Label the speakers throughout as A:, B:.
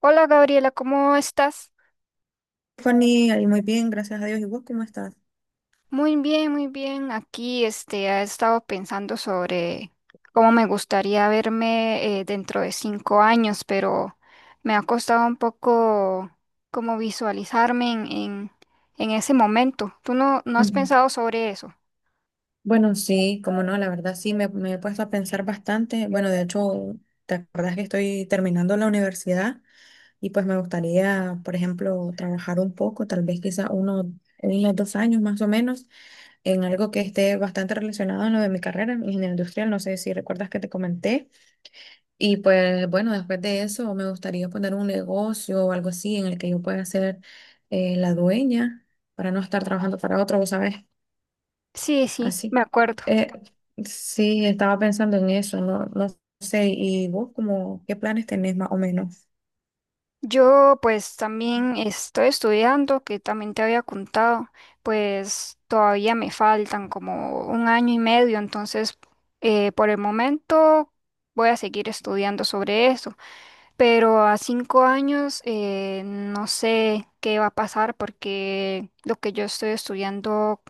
A: Hola Gabriela, ¿cómo estás?
B: Fanny, ahí muy bien, gracias a Dios. ¿Y vos cómo estás?
A: Muy bien, muy bien. Aquí he estado pensando sobre cómo me gustaría verme dentro de 5 años, pero me ha costado un poco como visualizarme en ese momento. ¿Tú no has
B: Ujú.
A: pensado sobre eso?
B: Bueno, sí, como no, la verdad sí, me he puesto a pensar bastante. Bueno, de hecho, te acordás que estoy terminando la universidad y pues me gustaría, por ejemplo, trabajar un poco, tal vez quizá uno, unos dos años más o menos, en algo que esté bastante relacionado a lo de mi carrera, en ingeniería industrial. No sé si recuerdas que te comenté. Y pues bueno, después de eso me gustaría poner un negocio o algo así en el que yo pueda ser la dueña para no estar trabajando para otro, vos ¿sabes?
A: Sí, sí, me
B: Así.
A: acuerdo.
B: Eh, sí, estaba pensando en eso, no sé. ¿Y vos como qué planes tenés más o menos?
A: Yo pues también estoy estudiando, que también te había contado, pues todavía me faltan como 1 año y medio, entonces por el momento voy a seguir estudiando sobre eso, pero a 5 años no sé qué va a pasar porque lo que yo estoy estudiando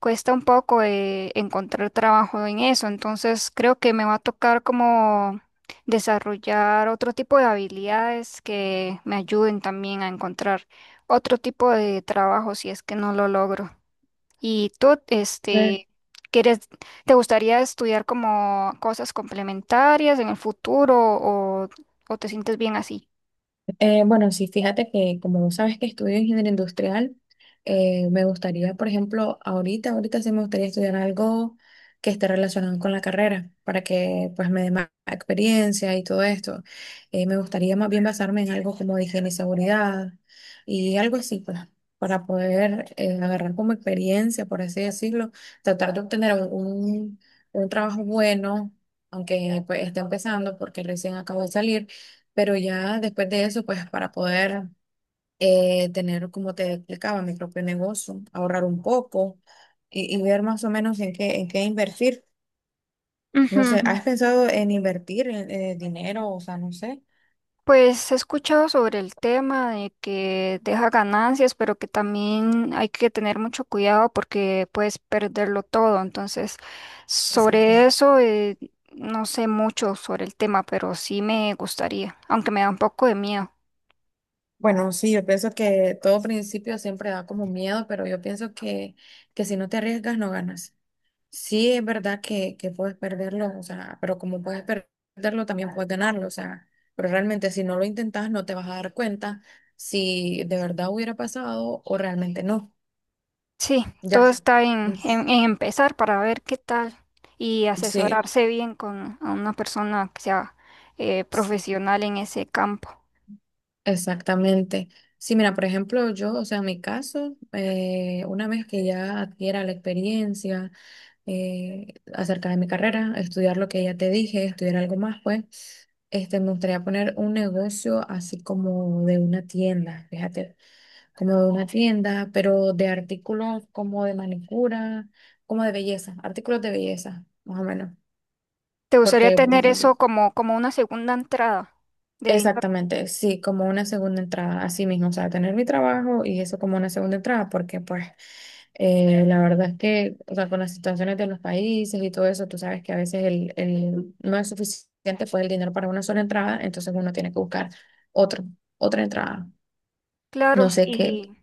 A: cuesta un poco encontrar trabajo en eso, entonces creo que me va a tocar como desarrollar otro tipo de habilidades que me ayuden también a encontrar otro tipo de trabajo si es que no lo logro. ¿Y tú, quieres, te gustaría estudiar como cosas complementarias en el futuro o te sientes bien así?
B: Bueno, sí, fíjate que como vos sabes que estudio ingeniería industrial, me gustaría, por ejemplo, ahorita sí me gustaría estudiar algo que esté relacionado con la carrera, para que pues me dé más experiencia y todo esto. Me gustaría más bien basarme en algo como de higiene y seguridad y algo así, pues, para poder agarrar como experiencia, por así decirlo, tratar de obtener un trabajo bueno, aunque pues esté empezando porque recién acabo de salir, pero ya después de eso, pues para poder tener, como te explicaba, mi propio negocio, ahorrar un poco y ver más o menos en en qué invertir. No sé,
A: Ujú.
B: ¿has pensado en invertir dinero? O sea, no sé.
A: Pues he escuchado sobre el tema de que deja ganancias, pero que también hay que tener mucho cuidado porque puedes perderlo todo. Entonces,
B: Exacto.
A: sobre eso, no sé mucho sobre el tema, pero sí me gustaría, aunque me da un poco de miedo.
B: Bueno, sí, yo pienso que todo principio siempre da como miedo, pero yo pienso que si no te arriesgas, no ganas. Sí, es verdad que puedes perderlo, o sea, pero como puedes perderlo, también puedes ganarlo, o sea, pero realmente si no lo intentas, no te vas a dar cuenta si de verdad hubiera pasado o realmente no.
A: Sí,
B: Ya.
A: todo está
B: Es-
A: en empezar para ver qué tal y
B: Sí,
A: asesorarse bien con a una persona que sea
B: sí,
A: profesional en ese campo.
B: exactamente. Sí, mira, por ejemplo, yo, o sea, en mi caso, una vez que ya adquiera la experiencia, acerca de mi carrera, estudiar lo que ya te dije, estudiar algo más, pues. Este, me gustaría poner un negocio así como de una tienda, fíjate, como de una tienda, pero de artículos como de manicura, como de belleza, artículos de belleza, más o menos,
A: ¿Te gustaría
B: porque
A: tener
B: pues,
A: eso como, como una segunda entrada de dinero?
B: exactamente, sí, como una segunda entrada, así mismo, o sea, tener mi trabajo y eso como una segunda entrada, porque pues la verdad es que, o sea, con las situaciones de los países y todo eso, tú sabes que a veces el- no es suficiente pues el dinero para una sola entrada, entonces uno tiene que buscar otro, otra entrada. No
A: Claro,
B: sé qué.
A: y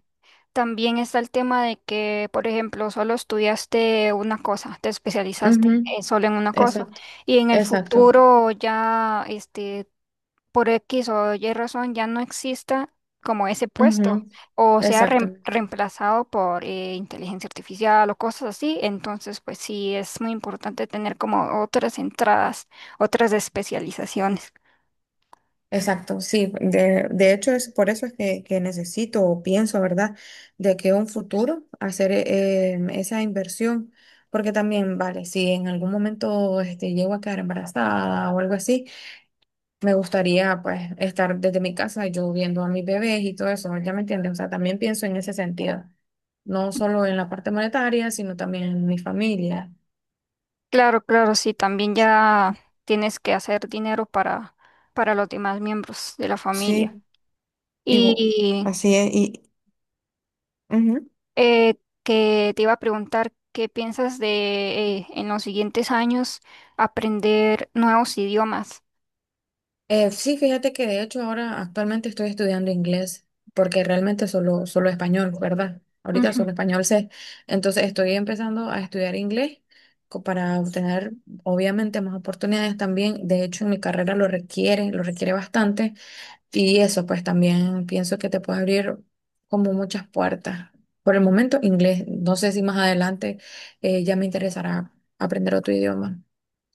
A: también está el tema de que, por ejemplo, solo estudiaste una cosa, te especializaste
B: Ujú.
A: solo en una cosa,
B: Exacto,
A: y en el
B: exacto.
A: futuro ya, por X o Y razón, ya no exista como ese puesto,
B: Ujú.
A: o sea,
B: Exactamente.
A: reemplazado por inteligencia artificial o cosas así, entonces, pues sí, es muy importante tener como otras entradas, otras especializaciones.
B: Exacto, sí. De hecho, es por eso es que necesito o pienso, ¿verdad? De que un futuro hacer esa inversión. Porque también, vale, si en algún momento este, llego a quedar embarazada o algo así, me gustaría pues estar desde mi casa yo viendo a mis bebés y todo eso, ¿ya me entiendes? O sea, también pienso en ese sentido, no solo en la parte monetaria, sino también en mi familia.
A: Claro, claro, sí, también ya tienes que hacer dinero para los demás miembros de la familia.
B: Sí, y vo-
A: Y
B: así es. Y, ujú.
A: eh, que te iba a preguntar, ¿qué piensas de en los siguientes años aprender nuevos idiomas?
B: Sí, fíjate que de hecho ahora actualmente estoy estudiando inglés, porque realmente solo español, ¿verdad? Ahorita solo
A: Ujú.
B: español sé. Entonces estoy empezando a estudiar inglés co- para obtener obviamente más oportunidades también. De hecho, en mi carrera lo requiere bastante. Y eso, pues también pienso que te puede abrir como muchas puertas. Por el momento, inglés. No sé si más adelante ya me interesará aprender otro idioma.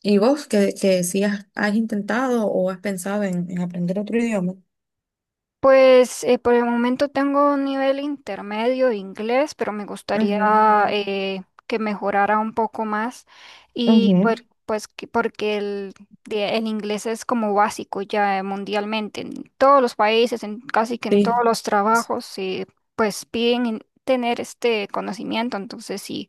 B: ¿Y vos, que si has, has intentado o has pensado en aprender otro idioma?
A: Pues por el momento tengo un nivel intermedio de inglés, pero me gustaría
B: Ujú,
A: que mejorara un poco más y pues,
B: ujú.
A: porque el inglés es como básico ya mundialmente, en todos los países, en casi que en todos
B: Sí.
A: los trabajos, pues tener este conocimiento, entonces sí.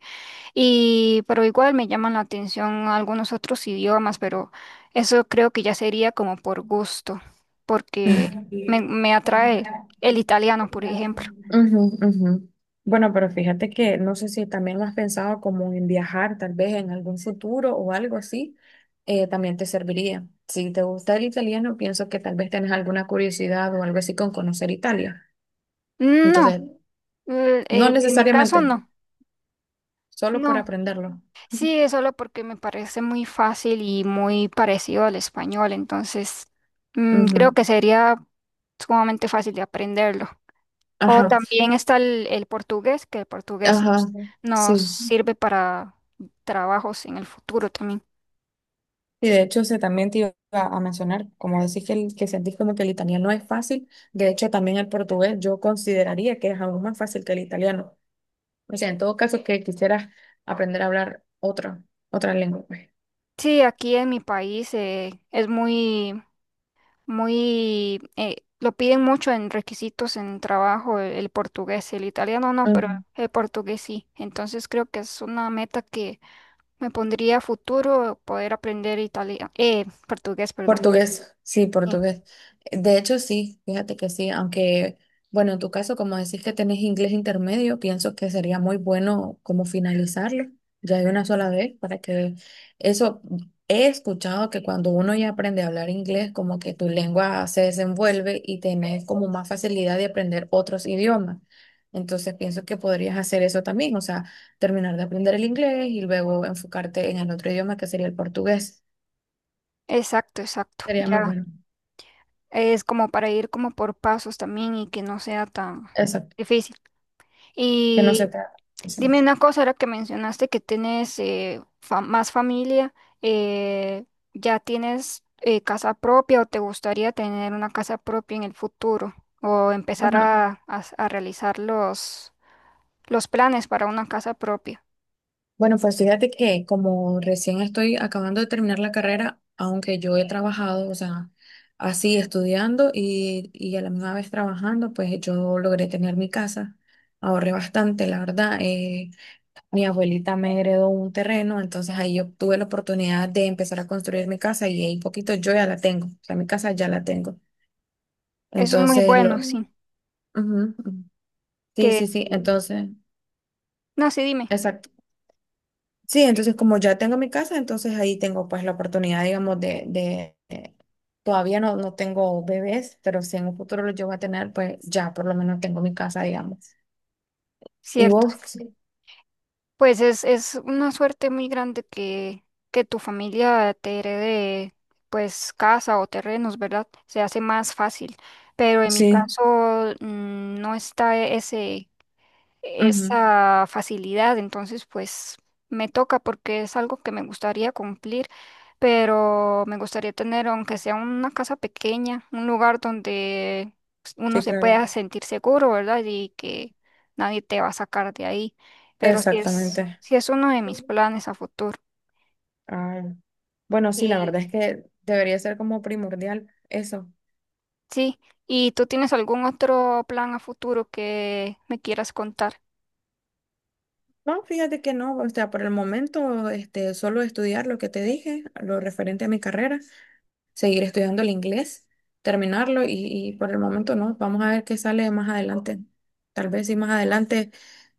A: Y, pero igual me llaman la atención algunos otros idiomas, pero eso creo que ya sería como por gusto, porque
B: Ujú,
A: me atrae el italiano, por ejemplo.
B: ujú. Bueno, pero fíjate que no sé si también lo has pensado como en viajar, tal vez en algún futuro o algo así, también te serviría. Si te gusta el italiano, pienso que tal vez tenés alguna curiosidad o algo así con conocer Italia.
A: No,
B: Entonces, no
A: en mi caso
B: necesariamente,
A: no,
B: solo por
A: no.
B: aprenderlo.
A: Sí, es solo porque me parece muy fácil y muy parecido al español, entonces mm, creo
B: Ujú.
A: que sería sumamente fácil de aprenderlo. O
B: Ajá,
A: también está el portugués, que el portugués
B: ajá,
A: nos
B: sí.
A: sirve para trabajos en el futuro también.
B: Y de hecho, se también te iba a mencionar, como decís que, el- que sentís como que el italiano es fácil, de hecho también el portugués yo consideraría que es aún más fácil que el italiano. O sea, en todo caso que quisieras aprender a hablar otra, otra lengua, pues.
A: Sí, aquí en mi país es muy, muy, lo piden mucho en requisitos en trabajo el portugués, el italiano no, pero el portugués sí. Entonces creo que es una meta que me pondría a futuro poder aprender italiano, portugués, perdón.
B: Portugués, sí,
A: Sí,
B: portugués. De hecho, sí, fíjate que sí, aunque, bueno, en tu caso, como decís que tenés inglés intermedio, pienso que sería muy bueno como finalizarlo ya de una sola vez para que eso, he escuchado que cuando uno ya aprende a hablar inglés, como que tu lengua se desenvuelve y tenés como más facilidad de aprender otros idiomas. Entonces, pienso que podrías hacer eso también, o sea, terminar de aprender el inglés y luego enfocarte en el otro idioma que sería el portugués.
A: exacto, exacto.
B: Sería muy
A: Ya.
B: bueno.
A: Es como para ir como por pasos también y que no sea tan
B: Exacto.
A: difícil.
B: Que no se
A: Y
B: trata. Eso.
A: dime una cosa, ahora que mencionaste que tienes más familia, eh, ¿ya tienes casa propia o te gustaría tener una casa propia en el futuro o empezar
B: Bueno,
A: a, a realizar los planes para una casa propia?
B: bueno, pues fíjate que como recién estoy acabando de terminar la carrera, aunque yo he trabajado, o sea, así estudiando y a la misma vez trabajando, pues yo logré tener mi casa. Ahorré bastante, la verdad. Mi abuelita me heredó un terreno, entonces ahí yo tuve la oportunidad de empezar a construir mi casa y ahí poquito yo ya la tengo. O sea, mi casa ya la tengo.
A: Eso es muy
B: Entonces, lo...
A: bueno, sí.
B: Ujú, ujú. Sí,
A: Que,
B: sí, sí. Entonces,
A: no, sí, dime,
B: exacto. Sí, entonces como ya tengo mi casa, entonces ahí tengo pues la oportunidad, digamos, de- todavía no, no tengo bebés, pero si en un futuro los llego a tener, pues ya por lo menos tengo mi casa, digamos. ¿Y
A: ¿cierto?
B: vos? Sí.
A: Pues es una suerte muy grande que tu familia te herede pues casa o terrenos, ¿verdad? Se hace más fácil. Pero en mi
B: Sí,
A: caso mm, no está ese,
B: ujú,
A: esa facilidad, entonces pues me toca porque es algo que me gustaría cumplir, pero me gustaría tener, aunque sea una casa pequeña, un lugar donde pues, uno
B: sí,
A: se
B: claro.
A: pueda sentir seguro, ¿verdad? Y que nadie te va a sacar de ahí, pero
B: Exactamente.
A: sí es uno de mis planes a futuro.
B: Ay. Bueno, sí, la
A: Y
B: verdad es que debería ser como primordial eso.
A: sí, ¿y tú tienes algún otro plan a futuro que me quieras contar?
B: No, fíjate que no, o sea, por el momento, este, solo estudiar lo que te dije, lo referente a mi carrera. Seguir estudiando el inglés, terminarlo y por el momento no. Vamos a ver qué sale más adelante. Tal vez si más adelante,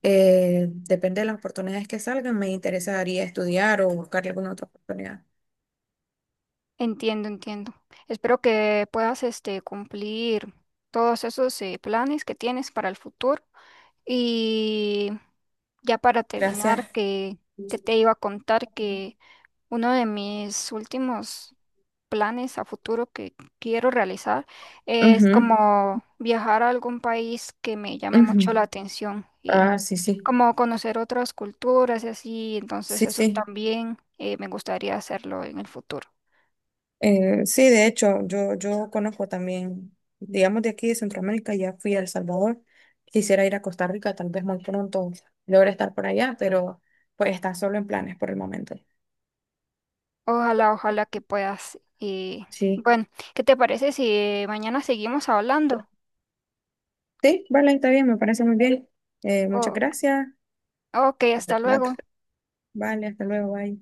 B: depende de las oportunidades que salgan, me interesaría estudiar o buscar alguna otra oportunidad.
A: Entiendo, entiendo. Espero que puedas, cumplir todos esos planes que tienes para el futuro. Y ya para terminar,
B: Gracias.
A: que te iba a contar que uno de mis últimos planes a futuro que quiero realizar es
B: Ujú,
A: como viajar a algún país que me llame mucho
B: ujú.
A: la atención y
B: Ah, sí, sí,
A: como conocer otras culturas y así. Entonces
B: sí,
A: eso
B: sí.
A: también me gustaría hacerlo en el futuro.
B: Sí, de hecho, yo conozco también, digamos, de aquí de Centroamérica, ya fui a El Salvador. Quisiera ir a Costa Rica, tal vez muy pronto logre estar por allá, pero pues está solo en planes por el momento.
A: Ojalá, ojalá que puedas. Y
B: Sí.
A: bueno, ¿qué te parece si mañana seguimos hablando?
B: Sí, vale, está bien, me parece muy bien. Muchas
A: O-
B: gracias
A: ok,
B: por la
A: hasta
B: plata.
A: luego.
B: Vale, hasta luego, bye.